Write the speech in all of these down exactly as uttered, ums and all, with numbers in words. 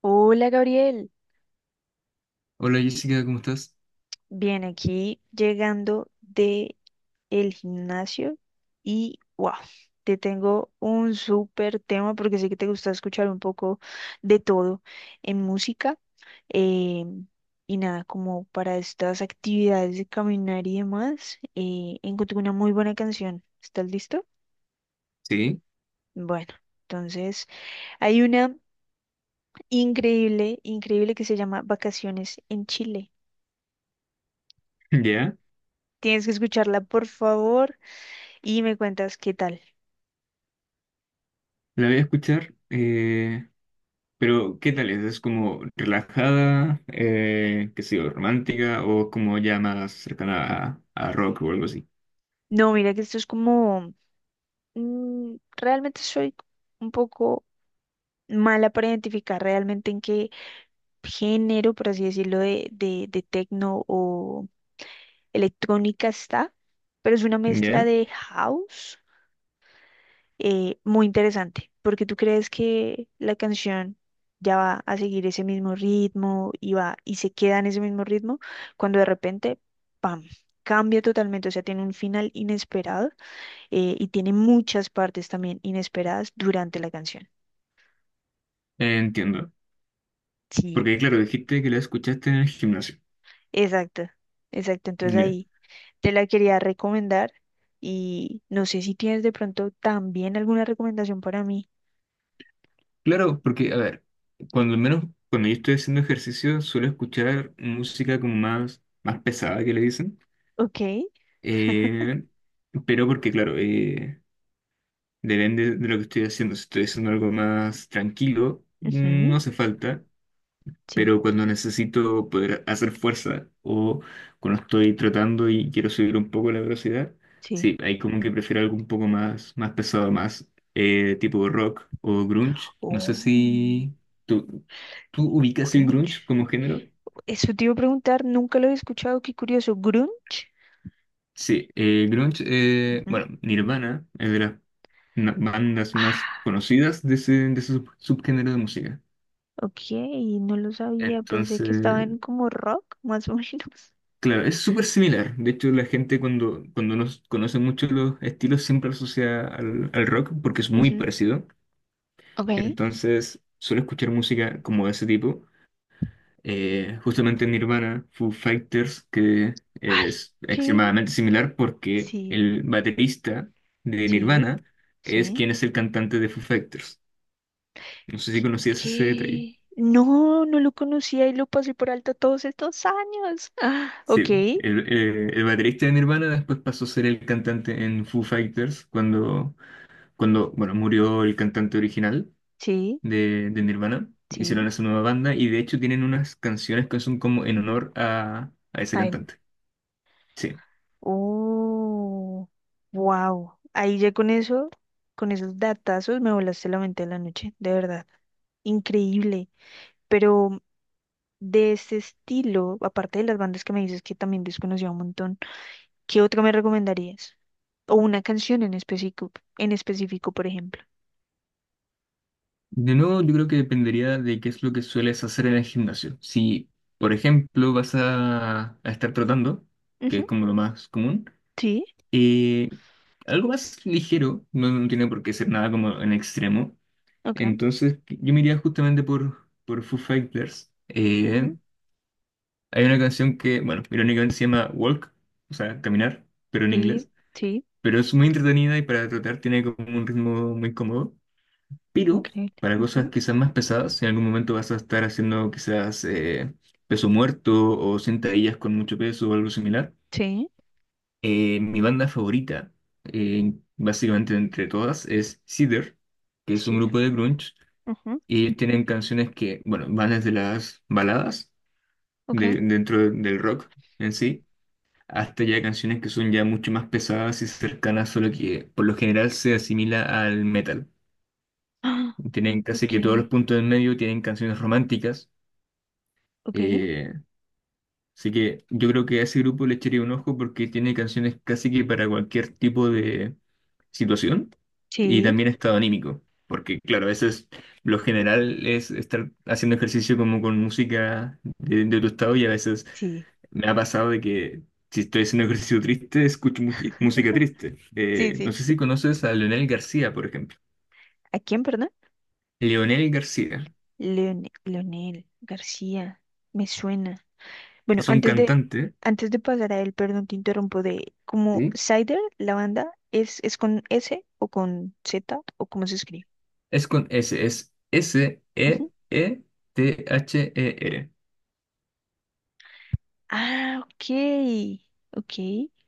Hola Gabriel, Hola Jessica, ¿cómo estás? bien aquí llegando de el gimnasio y wow, te tengo un súper tema porque sé que te gusta escuchar un poco de todo en música, eh, y nada, como para estas actividades de caminar y demás, eh, encontré una muy buena canción. ¿Estás listo? Sí, Bueno, entonces hay una increíble, increíble que se llama Vacaciones en Chile. ya, Tienes que escucharla, por favor. y me cuentas qué tal. la voy a escuchar. Eh, pero ¿qué tal es? ¿Es como relajada, eh, qué sé yo, romántica o como ya más cercana a, a rock o algo así? No, mira que esto es como, mm, realmente soy un poco mala para identificar realmente en qué género, por así decirlo, de, de, de tecno o electrónica está, pero es una mezcla Ya, de house eh, muy interesante, porque tú crees que la canción ya va a seguir ese mismo ritmo y va y se queda en ese mismo ritmo, cuando de repente, ¡pam! Cambia totalmente, o sea, tiene un final inesperado eh, y tiene muchas partes también inesperadas durante la canción. entiendo. Sí, Porque, claro, dijiste que la escuchaste en el gimnasio. exacto, exacto. Entonces Ya. ahí te la quería recomendar y no sé si tienes de pronto también alguna recomendación para mí. Claro, porque, a ver, cuando al menos cuando yo estoy haciendo ejercicio suelo escuchar música como más, más pesada que le dicen. Ok. eh, pero porque, claro, eh, depende de lo que estoy haciendo. Si estoy haciendo algo más tranquilo, no Ujú. hace falta. Sí, Pero cuando necesito poder hacer fuerza o cuando estoy trotando y quiero subir un poco la velocidad, sí. sí, hay como que prefiero algo un poco más, más pesado, más eh, tipo rock o grunge. No sé Oh, si tú, tú ubicas el grunge. grunge como género. Eso te iba a preguntar, nunca lo he escuchado, qué curioso. Grunge. Sí, eh, grunge, eh, Ujú. bueno, Nirvana es de las na- bandas más Ah, conocidas de ese, de ese sub- subgénero de música. ok, no lo sabía, pensé que estaba Entonces, en como rock, más o menos. claro, es súper similar. De hecho, la gente cuando, cuando nos conoce mucho los estilos siempre lo asocia al, al rock porque es muy Ujú. parecido. Ok. Entonces, suelo escuchar música como de ese tipo. Eh, justamente Nirvana, Foo Fighters, que Ay, es ¿qué? extremadamente similar porque Sí. el baterista de Sí, Nirvana es sí. quien es el cantante de Foo Fighters. No sé si conocías ese detalle. ¿Qué? No, no lo conocía y lo pasé por alto todos estos años. Ah, ok, Sí, el, eh, el baterista de Nirvana después pasó a ser el cantante en Foo Fighters cuando, cuando bueno, murió el cantante original sí, de, de Nirvana. Hicieron sí, esa nueva banda y de hecho tienen unas canciones que son como en honor a, a ese a él. cantante. Sí. Oh, wow. Ahí ya con eso, con esos datazos me volaste la mente de la noche, de verdad. Increíble. Pero de ese estilo, aparte de las bandas que me dices que también desconocía un montón, ¿qué otro me recomendarías? O una canción en específico, en específico, por ejemplo. De nuevo, yo creo que dependería de qué es lo que sueles hacer en el gimnasio. Si, por ejemplo, vas a, a estar trotando, que Ujú. es como lo más común, Sí, eh, algo más ligero, no, no tiene por qué ser nada como en extremo. ok. Entonces, yo me iría justamente por, por Foo Fighters. Eh, hay una canción que, bueno, irónicamente se llama Walk, o sea, caminar, pero en Sí, inglés. sí, Pero es muy entretenida y para tratar tiene como un ritmo muy cómodo. Pero increíble. para cosas Ujú. quizás más pesadas, en algún momento vas a estar haciendo quizás eh, peso muerto o sentadillas con mucho peso o algo similar. Sí, Eh, mi banda favorita, eh, básicamente entre todas, es Cedar, que es un cheater. grupo de grunge. Ujú. Y ellos tienen canciones que, bueno, van desde las baladas Ok. de, dentro de- del rock en sí, hasta ya canciones que son ya mucho más pesadas y cercanas, solo que por lo general se asimila al metal. Ah, Tienen casi ok, que todos los puntos en medio, tienen canciones románticas, ok. eh, así que yo creo que a ese grupo le echaría un ojo porque tiene canciones casi que para cualquier tipo de situación y Sí, también estado anímico. Porque, claro, a veces lo general es estar haciendo ejercicio como con música de, de tu estado y a veces sí, me ha pasado de que si estoy haciendo ejercicio triste, escucho muchi- música triste. sí, Eh, no sí. sé si conoces a Leonel García, por ejemplo. ¿A quién, perdón? Leonel García Leone- Leonel García. Me suena. Bueno, es un antes de, cantante. antes de pasar a él, perdón, te interrumpo de como ¿Sí? Cider, la banda, ¿es, es con ese o con zeta o cómo se escribe? Es con S, es S-E-E-T-H-E-R. Ah, ok. Ok,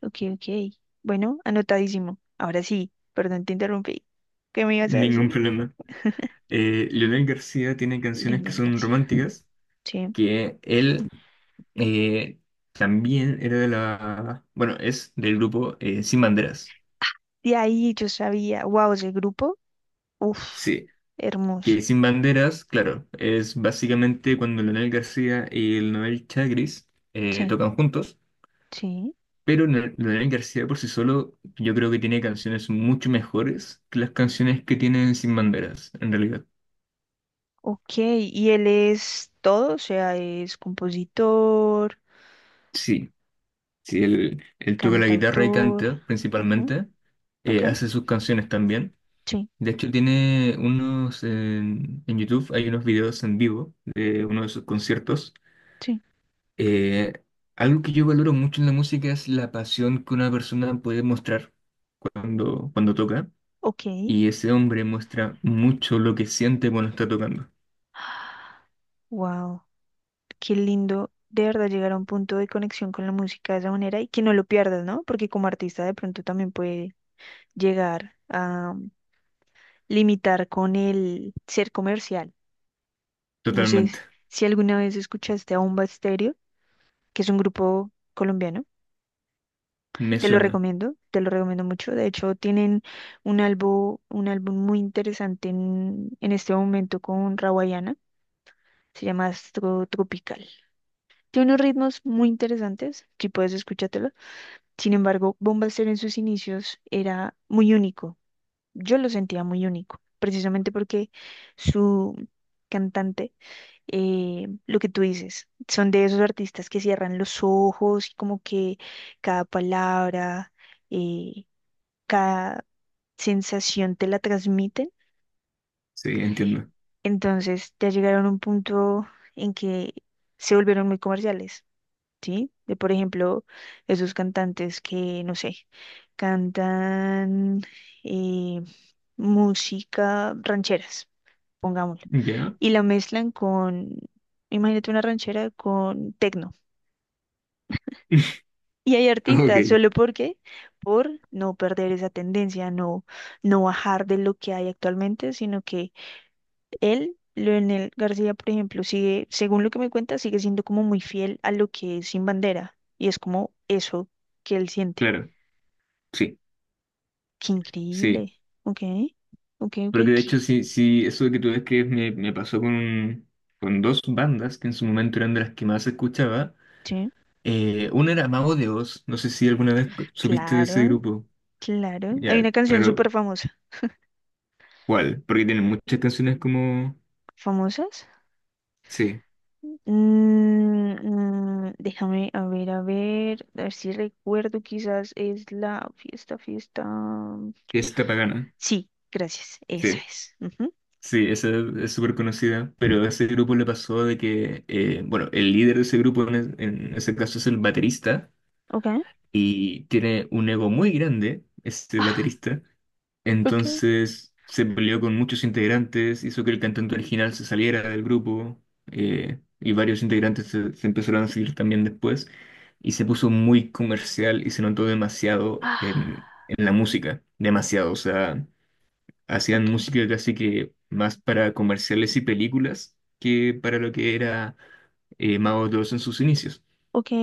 ok, ok. Bueno, anotadísimo. Ahora sí, perdón, te interrumpí. ¿Qué me ibas a Ningún decir? problema. Eh, Leonel García tiene canciones que Leonel son García. románticas, Sí. que él eh, también era de la... Bueno, es del grupo eh, Sin Banderas. De ahí yo sabía, wow, ese grupo, uff, Sí, hermoso. que Sin Banderas, claro, es básicamente cuando Leonel García y el Noel Chagris eh, Sí, tocan juntos, sí. pero Leonel Leonel García por sí solo yo creo que tiene canciones mucho mejores que las canciones que tienen Sin Banderas, en realidad. Ok, y él es todo, o sea, es compositor, Sí. Sí, él, él toca la guitarra y cantautor. canta Ujú. principalmente. Ok, Eh, hace sus canciones también. sí, De hecho, tiene unos en, en YouTube, hay unos videos en vivo de uno de sus conciertos. sí, Eh, algo que yo valoro mucho en la música es la pasión que una persona puede mostrar cuando, cuando toca. ok. Y ese hombre muestra mucho lo que siente cuando está tocando. Wow. Qué lindo de verdad llegar a un punto de conexión con la música de esa manera y que no lo pierdas, ¿no? Porque como artista de pronto también puede llegar a um, limitar con el ser comercial. No sé Totalmente. s- si alguna vez escuchaste a Bomba Estéreo, que es un grupo colombiano. Me Te lo suena. recomiendo, te lo recomiendo mucho. De hecho, tienen un álbum, un álbum muy interesante en, en este momento con Rawayana. Se llama Astro Tropical. Tiene unos ritmos muy interesantes. Si puedes, escúchatelo. Sin embargo, Bombaster en sus inicios era muy único. Yo lo sentía muy único, precisamente porque su cantante, eh, lo que tú dices, son de esos artistas que cierran los ojos y como que cada palabra, eh, cada sensación te la transmiten. Sí, entiendo. Entonces ya llegaron a un punto en que se volvieron muy comerciales. ¿Sí? De, por ejemplo, esos cantantes que, no sé, cantan eh, música rancheras, pongámoslo, ¿Ya? y la mezclan con, imagínate una ranchera con tecno. Y hay artistas, Ok, solo porque, por no perder esa tendencia, no, no bajar de lo que hay actualmente, sino que él, Leonel García, por ejemplo, sigue, según lo que me cuenta, sigue siendo como muy fiel a lo que es Sin Bandera, y es como eso que él siente. claro. Sí, Qué sí. increíble. Ok, ok, ok. Porque de qué- hecho, sí, sí, eso que tú describes me, me pasó con, con dos bandas que en su momento eran de las que más escuchaba. Sí, Eh, una era Mago de Oz, no sé si alguna vez supiste de ese claro, grupo. claro. Hay Ya, una canción claro, súper famosa. ¿cuál? Porque tienen muchas canciones como, ¿Famosas? sí, Mm, mm, déjame, a ver, a ver, a ver si recuerdo, quizás es la fiesta, fiesta. Fiesta Pagana. Sí, gracias, esa Sí, es. Ujú. sí, esa es súper conocida. Pero a ese grupo le pasó de que, eh, bueno, el líder de ese grupo en, es- en ese caso es el baterista. Ok. Y tiene un ego muy grande, este Ah, baterista. ok. Entonces se peleó con muchos integrantes, hizo que el cantante original se saliera del grupo, eh, y varios integrantes se, se empezaron a seguir también después y se puso muy comercial y se notó demasiado en, Ah, en la música, demasiado, o sea, hacían ok. música casi que más para comerciales y películas que para lo que era eh, Mago dos en sus inicios.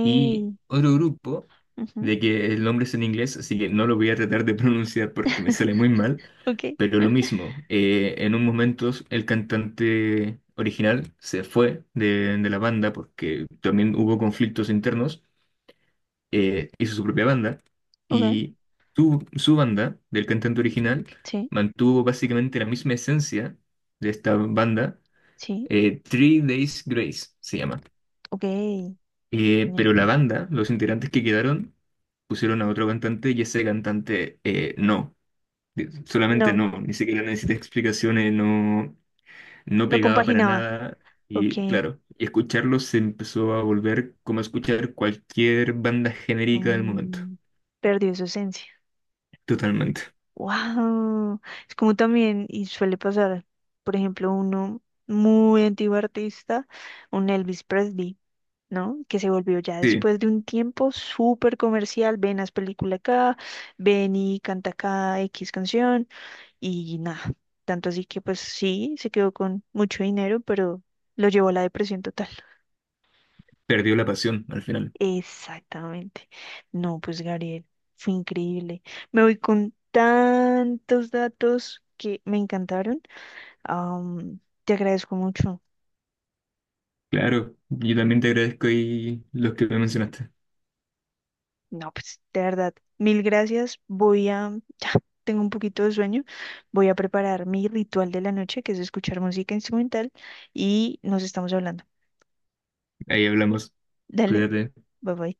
Y otro grupo ujú, de que el nombre es en inglés, así que no lo voy a tratar de pronunciar porque me sale muy mal, ok, pero lo mismo, eh, en un momento el cantante original se fue de, de la banda porque también hubo conflictos internos, eh, hizo su propia banda ok. y su, su banda del cantante original Sí, mantuvo básicamente la misma esencia de esta banda, sí, eh, Three Days Grace se llama. ok. Eh, Genial. pero la banda, los integrantes que quedaron, pusieron a otro cantante y ese cantante eh, no, eh, solamente No, no, ni siquiera necesita explicaciones, no, no no pegaba para compaginaba. nada. Ok. Y claro, y escucharlo se empezó a volver como escuchar cualquier banda genérica del momento, Mm, perdió su esencia. totalmente. Wow. Es como también, y suele pasar, por ejemplo, uno muy antiguo artista, un Elvis Presley, ¿no? Que se volvió ya Sí, después de un tiempo súper comercial. Ven, haz película acá, ven y canta acá equis canción, y nada. Tanto así que, pues sí, se quedó con mucho dinero, pero lo llevó a la depresión total. perdió la pasión al final. Exactamente. No, pues Gabriel, fue increíble. Me voy con tantos datos que me encantaron. Am, te agradezco mucho. Claro, yo también te agradezco y los que me mencionaste. No, pues de verdad, mil gracias. Voy a, ya, tengo un poquito de sueño. Voy a preparar mi ritual de la noche, que es escuchar música instrumental, y nos estamos hablando. Ahí hablamos, Dale, cuídate. bye bye.